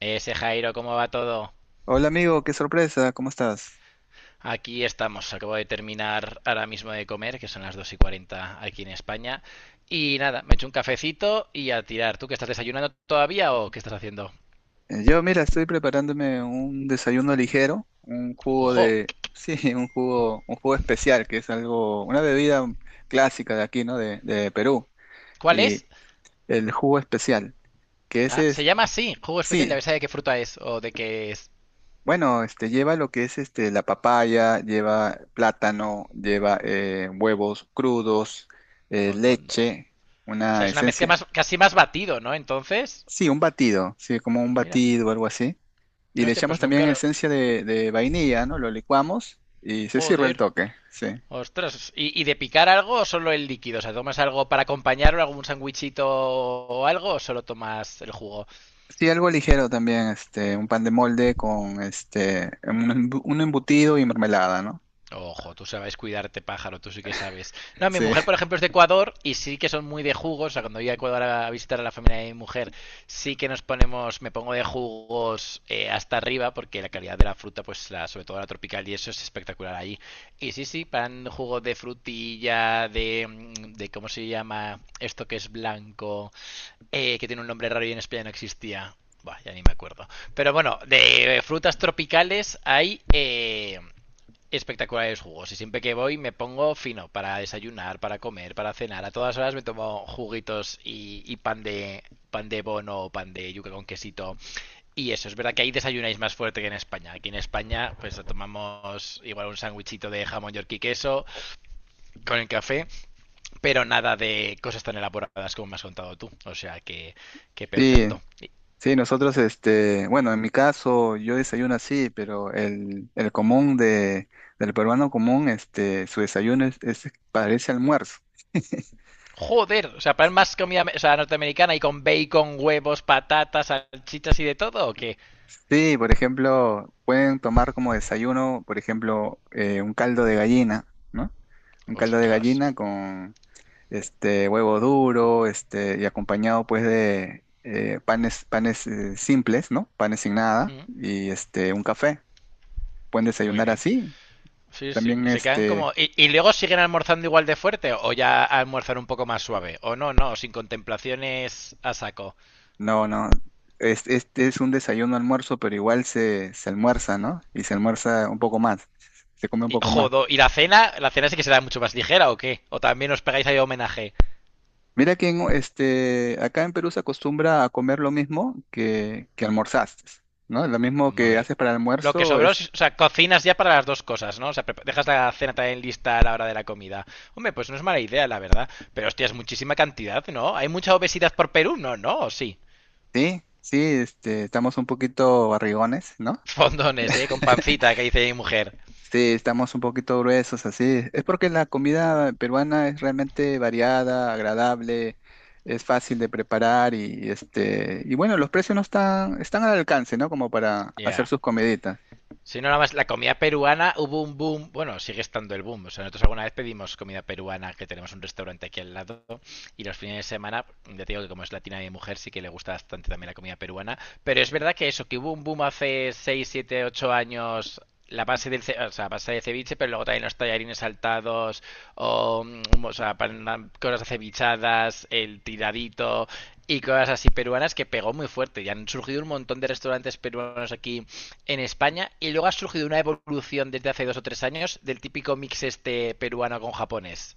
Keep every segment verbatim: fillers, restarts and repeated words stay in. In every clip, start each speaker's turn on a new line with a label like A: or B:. A: Ese Jairo, ¿cómo va todo?
B: Hola amigo, qué sorpresa, ¿cómo estás?
A: Aquí estamos, acabo de terminar ahora mismo de comer, que son las dos y cuarenta aquí en España. Y nada, me echo un cafecito y a tirar. ¿Tú que estás desayunando todavía o qué estás haciendo?
B: Eh, Yo, mira, estoy preparándome un desayuno ligero, un jugo
A: ¡Ojo!
B: de, sí, un jugo, un jugo especial, que es algo, una bebida clásica de aquí, ¿no? De, de Perú.
A: ¿Cuál
B: Y
A: es?
B: el jugo especial, que
A: Ah,
B: ese
A: se
B: es,
A: llama así, jugo especial, ya
B: sí,
A: sabes de qué fruta es o de qué es.
B: bueno, este lleva lo que es este la papaya, lleva plátano, lleva eh, huevos crudos, eh,
A: Hondo, hondo. O
B: leche,
A: sea,
B: una
A: es una mezcla
B: esencia,
A: más, casi más batido, ¿no? Entonces,
B: sí, un batido, sí, como un
A: mira.
B: batido o algo así. Y le
A: Hostia,
B: echamos
A: pues nunca
B: también
A: lo.
B: esencia de, de vainilla, ¿no? Lo licuamos y se sirve el
A: Joder.
B: toque, sí.
A: Ostras, ¿Y, ¿y, de picar algo o solo el líquido? O sea, ¿tomas algo para acompañarlo, algún sándwichito o algo, o solo tomas el jugo?
B: Sí, algo ligero también, este, un pan de molde con este, un, embu- un embutido y mermelada, ¿no?
A: Ojo, tú sabes cuidarte, pájaro, tú sí que sabes. No, mi
B: Sí,
A: mujer, por ejemplo, es de Ecuador y sí que son muy de jugos. O sea, cuando voy a Ecuador a visitar a la familia de mi mujer, sí que nos ponemos, me pongo de jugos eh, hasta arriba, porque la calidad de la fruta, pues la, sobre todo la tropical y eso es espectacular allí. Y sí, sí, pan, jugo de frutilla, de, de, ¿cómo se llama? Esto que es blanco. Eh, que tiene un nombre raro y en España no existía. Buah, ya ni me acuerdo. Pero bueno, de eh, frutas tropicales hay eh, espectaculares jugos. Y siempre que voy me pongo fino para desayunar, para comer, para cenar. A todas horas me tomo juguitos y, y pan de pan de bono o pan de yuca con quesito. Y eso, es verdad que ahí desayunáis más fuerte que en España. Aquí en España, pues tomamos igual un sándwichito de jamón york y queso con el café, pero nada de cosas tan elaboradas como me has contado tú. O sea que, que
B: sí,
A: perfecto.
B: sí, nosotros, este, bueno, en mi caso yo desayuno así, pero el, el común de, del peruano común, este, su desayuno es, es- parece almuerzo.
A: Joder, o sea, para más comida o sea, norteamericana y con bacon, huevos, patatas, salchichas y de todo, ¿o qué?
B: Sí, por ejemplo, pueden tomar como desayuno, por ejemplo, eh, un caldo de gallina, ¿no? Un caldo de
A: Ostras.
B: gallina con este huevo duro, este, y acompañado pues de eh, panes, panes eh, simples, ¿no? Panes sin nada,
A: Mm,
B: y este, un café. Pueden
A: muy
B: desayunar
A: bien.
B: así.
A: Sí, sí.
B: También
A: Y se quedan como.
B: este,
A: ¿Y, y luego siguen almorzando igual de fuerte o ya almorzan un poco más suave? O no, no, sin contemplaciones a saco.
B: no, no. es- Este es un desayuno almuerzo, pero igual se, se almuerza, ¿no? Y se almuerza un poco más, se come un
A: Y,
B: poco más.
A: jodo, ¿y la cena? ¿La cena sí que será mucho más ligera o qué? ¿O también os pegáis ahí homenaje?
B: Mira que en este, acá en Perú se acostumbra a comer lo mismo que, que almorzaste, ¿no? Lo mismo que
A: Madre.
B: haces para el
A: Lo que
B: almuerzo
A: sobró, o
B: es,
A: sea, cocinas ya para las dos cosas, ¿no? O sea, dejas la cena también lista a la hora de la comida. Hombre, pues no es mala idea, la verdad. Pero hostia, es muchísima cantidad, ¿no? ¿Hay mucha obesidad por Perú? No, no, sí.
B: sí, sí, este, estamos un poquito barrigones, ¿no?
A: Fondones, ¿eh? Con pancita, que dice mi mujer.
B: Sí, estamos un poquito gruesos, así. Es porque la comida peruana es realmente variada, agradable, es fácil de preparar y, este, y bueno, los precios no están, están al alcance, ¿no? Como para
A: Ya.
B: hacer
A: Yeah.
B: sus comiditas.
A: Si no, nada más la comida peruana hubo un boom, bueno, sigue estando el boom. O sea, nosotros alguna vez pedimos comida peruana, que tenemos un restaurante aquí al lado, y los fines de semana, ya te digo que como es latina mi mujer, sí que le gusta bastante también la comida peruana. Pero es verdad que eso, que hubo un boom hace seis siete ocho años, la base del ce- o sea, base de ceviche, pero luego también los tallarines saltados, o, mm, o sea, pan- cosas acevichadas, el tiradito y cosas así peruanas que pegó muy fuerte. Y han surgido un montón de restaurantes peruanos aquí en España, y luego ha surgido una evolución desde hace dos o tres años del típico mix este peruano con japonés.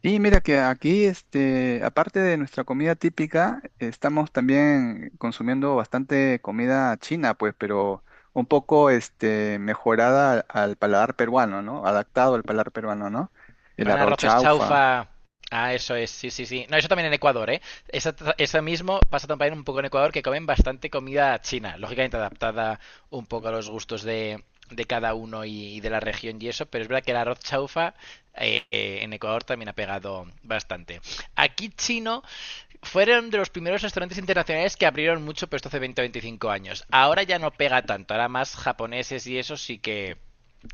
B: Sí, mira que aquí, este, aparte de nuestra comida típica, estamos también consumiendo bastante comida china, pues, pero un poco, este, mejorada al, al paladar peruano, ¿no? Adaptado al paladar peruano, ¿no? El
A: Pan
B: arroz
A: arroz es
B: chaufa.
A: chaufa. Ah, eso es, sí, sí, sí. No, eso también en Ecuador, ¿eh? Eso, eso mismo pasa también un poco en Ecuador, que comen bastante comida china, lógicamente adaptada un poco a los gustos de, de, cada uno y, y, de la región y eso, pero es verdad que el arroz chaufa eh, eh, en Ecuador también ha pegado bastante. Aquí chino fueron de los primeros restaurantes internacionales que abrieron mucho, pero esto hace veinte o veinticinco años. Ahora ya no pega tanto, ahora más japoneses y eso sí que.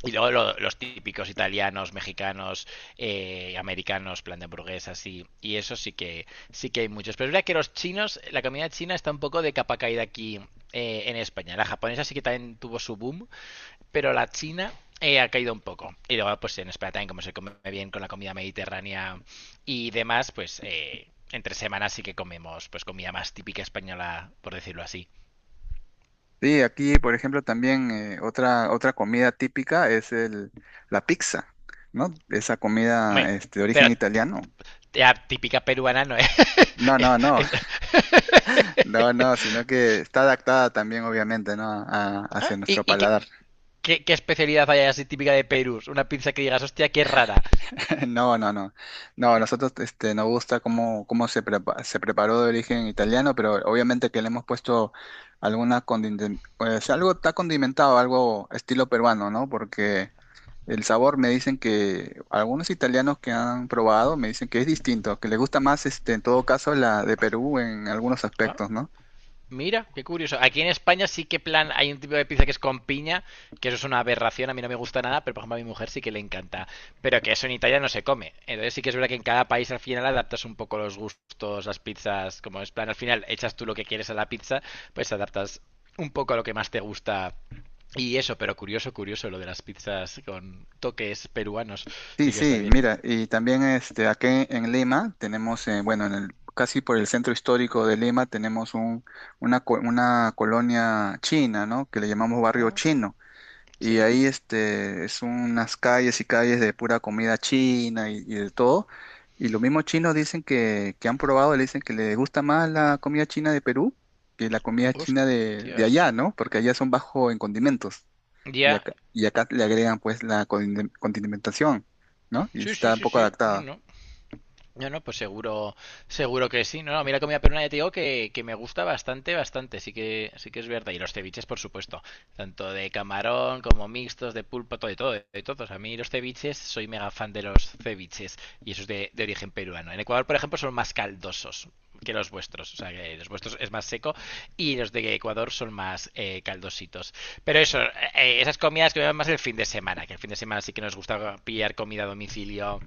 A: Y luego lo- los típicos italianos, mexicanos, eh, americanos, plan de hamburguesas, y, y eso sí que, sí que hay muchos. Pero es verdad que los chinos, la comida china está un poco de capa caída aquí eh, en España. La japonesa sí que también tuvo su boom, pero la china eh, ha caído un poco. Y luego, pues en España también, como se come bien con la comida mediterránea y demás, pues eh, entre semanas sí que comemos pues comida más típica española, por decirlo así.
B: Sí, aquí, por ejemplo, también eh, otra, otra comida típica es el, la pizza, ¿no? Esa comida,
A: Hombre,
B: este, de
A: pero
B: origen
A: t-
B: italiano.
A: la típica peruana no es.
B: No,
A: es-
B: no, no,
A: es-
B: no, no, sino que está adaptada también, obviamente, ¿no? A- hacia
A: Ah, ¿Y,
B: nuestro
A: y qué,
B: paladar.
A: qué- qué especialidad hay así típica de Perú? Una pizza que digas, hostia, qué rara.
B: No, no, no. No, a nosotros este, nos gusta cómo, cómo se, prepa- se preparó de origen italiano, pero obviamente que le hemos puesto alguna condimentación, pues algo está condimentado, algo estilo peruano, ¿no? Porque el sabor me dicen que algunos italianos que han probado me dicen que es distinto, que les gusta más este, en todo caso la de Perú en algunos
A: Ah,
B: aspectos, ¿no?
A: mira, qué curioso. Aquí en España sí que plan hay un tipo de pizza que es con piña, que eso es una aberración, a mí no me gusta nada, pero por ejemplo a mi mujer sí que le encanta. Pero que eso en Italia no se come. Entonces sí que es verdad que en cada país al final adaptas un poco los gustos, las pizzas, como es plan al final echas tú lo que quieres a la pizza, pues adaptas un poco a lo que más te gusta. Y eso, pero curioso, curioso lo de las pizzas con toques peruanos.
B: Sí,
A: Sí que está
B: sí,
A: bien.
B: mira, y también este, aquí en Lima tenemos, eh, bueno, en el, casi por el centro histórico de Lima tenemos un, una, co- una colonia china, ¿no? Que le llamamos barrio
A: Ah,
B: chino. Y
A: sí.
B: ahí este, es unas calles y calles de pura comida china y, y de todo. Y los mismos chinos dicen que, que han probado, le dicen que les gusta más la comida china de Perú que la comida china de, de
A: Hostias.
B: allá, ¿no? Porque allá son bajo en condimentos. Y
A: Ya.
B: acá, y acá le agregan pues la condime- condimentación, ¿no? Y
A: Sí, sí,
B: está un
A: sí,
B: poco
A: sí. No,
B: adaptada.
A: no. No, no, pues seguro, seguro que sí. No, no, mira comida peruana ya te digo que, que me gusta bastante, bastante. Sí que, sí que es verdad. Y los ceviches, por supuesto. Tanto de camarón como mixtos, de pulpo, todo, de todo, de todos. A mí los ceviches, soy mega fan de los ceviches. Y eso es de, de origen peruano. En Ecuador, por ejemplo, son más caldosos que los vuestros. O sea, que los vuestros es más seco y los de Ecuador son más eh, caldositos. Pero eso, eh, esas comidas que me van más el fin de semana. Que el fin de semana sí que nos gusta pillar comida a domicilio,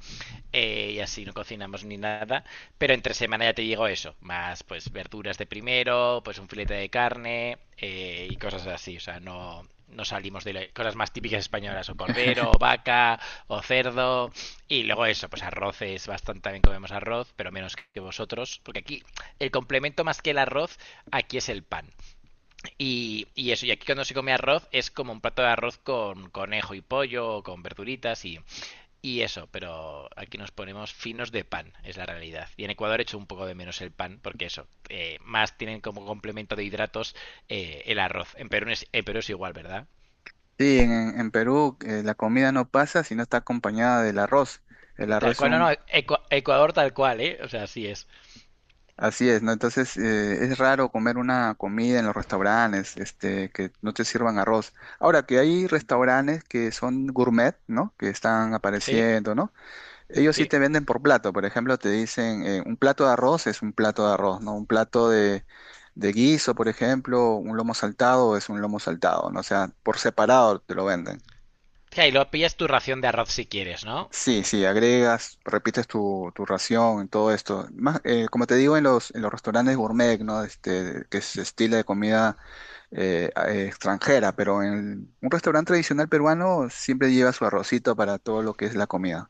A: eh, y así no cocinamos ni nada. Pero entre semana ya te digo eso, más pues verduras de primero, pues un filete de carne, eh, y cosas así. O sea, no, no salimos de lo- cosas más típicas españolas, o cordero, o vaca, o cerdo, y luego eso, pues arroces, bastante también comemos arroz, pero menos que vosotros, porque aquí el complemento más que el arroz, aquí es el pan. Y, y eso, y aquí cuando se come arroz es como un plato de arroz con conejo y pollo, o con verduritas, y, y eso, pero aquí nos ponemos finos de pan, es la realidad. Y en Ecuador hecho un poco de menos el pan, porque eso, eh, más tienen como complemento de hidratos, eh, el arroz. En Perú, es, en Perú es igual, ¿verdad?
B: Sí, en, en Perú eh, la comida no pasa si no está acompañada del arroz. El
A: Tal
B: arroz es
A: cual, no, no,
B: un...
A: Ecu- Ecuador tal cual, ¿eh? O sea, así es.
B: Así es, ¿no? Entonces eh, es raro comer una comida en los restaurantes, este, que no te sirvan arroz. Ahora que hay restaurantes que son gourmet, ¿no? Que están
A: ¿Sí?
B: apareciendo, ¿no? Ellos sí
A: Sí.
B: te venden por plato, por ejemplo, te dicen eh, un plato de arroz es un plato de arroz, ¿no? Un plato de, de guiso, por ejemplo, un lomo saltado es un lomo saltado, ¿no? O sea, por separado te lo venden.
A: Y ahí lo pillas tu ración de arroz si quieres, ¿no?
B: Sí, sí, agregas, repites tu, tu ración, todo esto. Más, eh, como te digo, en los, en los restaurantes gourmet, ¿no? Este, que es estilo de comida eh, a- eh, extranjera, pero en un restaurante tradicional peruano siempre lleva su arrocito para todo lo que es la comida.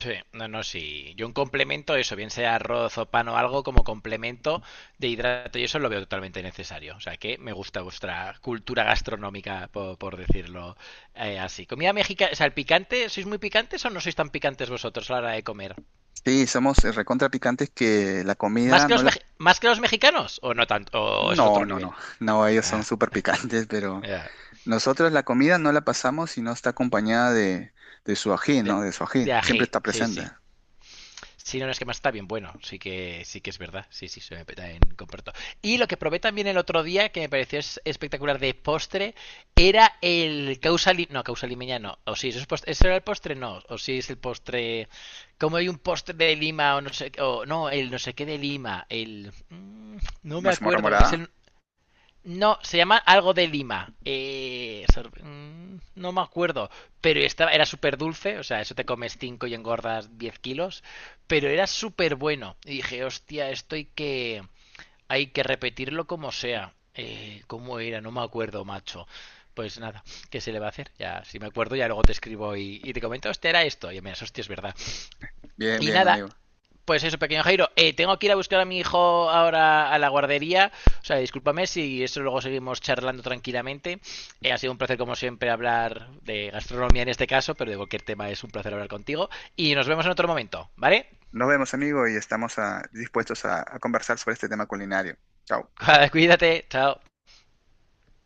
A: Sí, no, no, sí. Yo un complemento, eso, bien sea arroz o pan o algo, como complemento de hidrato, y eso lo veo totalmente necesario. O sea que me gusta vuestra cultura gastronómica, por, por decirlo eh, así. Comida mexicana, o sea, el picante, ¿sois muy picantes o no sois tan picantes vosotros a la hora de comer?
B: Sí, somos eh, recontra picantes que la
A: ¿Más
B: comida
A: que
B: no
A: los,
B: la,
A: mej- más que los mexicanos? ¿O no tanto? ¿O eso es
B: no,
A: otro
B: no, no.
A: nivel?
B: No, ellos son
A: Ah,
B: súper picantes, pero
A: ya.
B: nosotros la comida no la pasamos si no está acompañada de, de su ají,
A: De,
B: ¿no? De su ají.
A: de
B: Siempre
A: ají,
B: está
A: sí,
B: presente.
A: sí. Sí, no, no, es que más está bien bueno. Sí que, sí que es verdad. Sí, sí, se me peta en comparto. Y lo que probé también el otro día, que me pareció es- espectacular de postre, era el causa li- no, causa limeña no. O sí, eso, es postre, ¿eso era el postre? No. O sí, es el postre. Como hay un postre de Lima o no sé. O no, el no sé qué de Lima. El. mm, No me
B: Mazamorra
A: acuerdo. Es
B: morada.
A: el, no, se llama algo de Lima. Eh, mm, no me acuerdo. Pero estaba, era súper dulce. O sea, eso te comes cinco y engordas diez kilos. Pero era súper bueno. Y dije, hostia, esto hay que, hay que, repetirlo como sea. Eh, ¿cómo era? No me acuerdo, macho. Pues nada, ¿qué se le va a hacer? Ya, si me acuerdo, ya luego te escribo, y, y te comento, hostia, era esto. Y me hostia, es verdad.
B: Bien,
A: Y
B: bien,
A: nada,
B: amigo.
A: pues eso, pequeño Jairo. Eh, tengo que ir a buscar a mi hijo ahora a la guardería. O sea, discúlpame si eso luego seguimos charlando tranquilamente. Eh, ha sido un placer, como siempre, hablar de gastronomía en este caso, pero de cualquier tema es un placer hablar contigo. Y nos vemos en otro momento, ¿vale?
B: Nos vemos, amigo, y estamos ah, dispuestos a, a conversar sobre este tema culinario. Chao.
A: Cuídate, chao.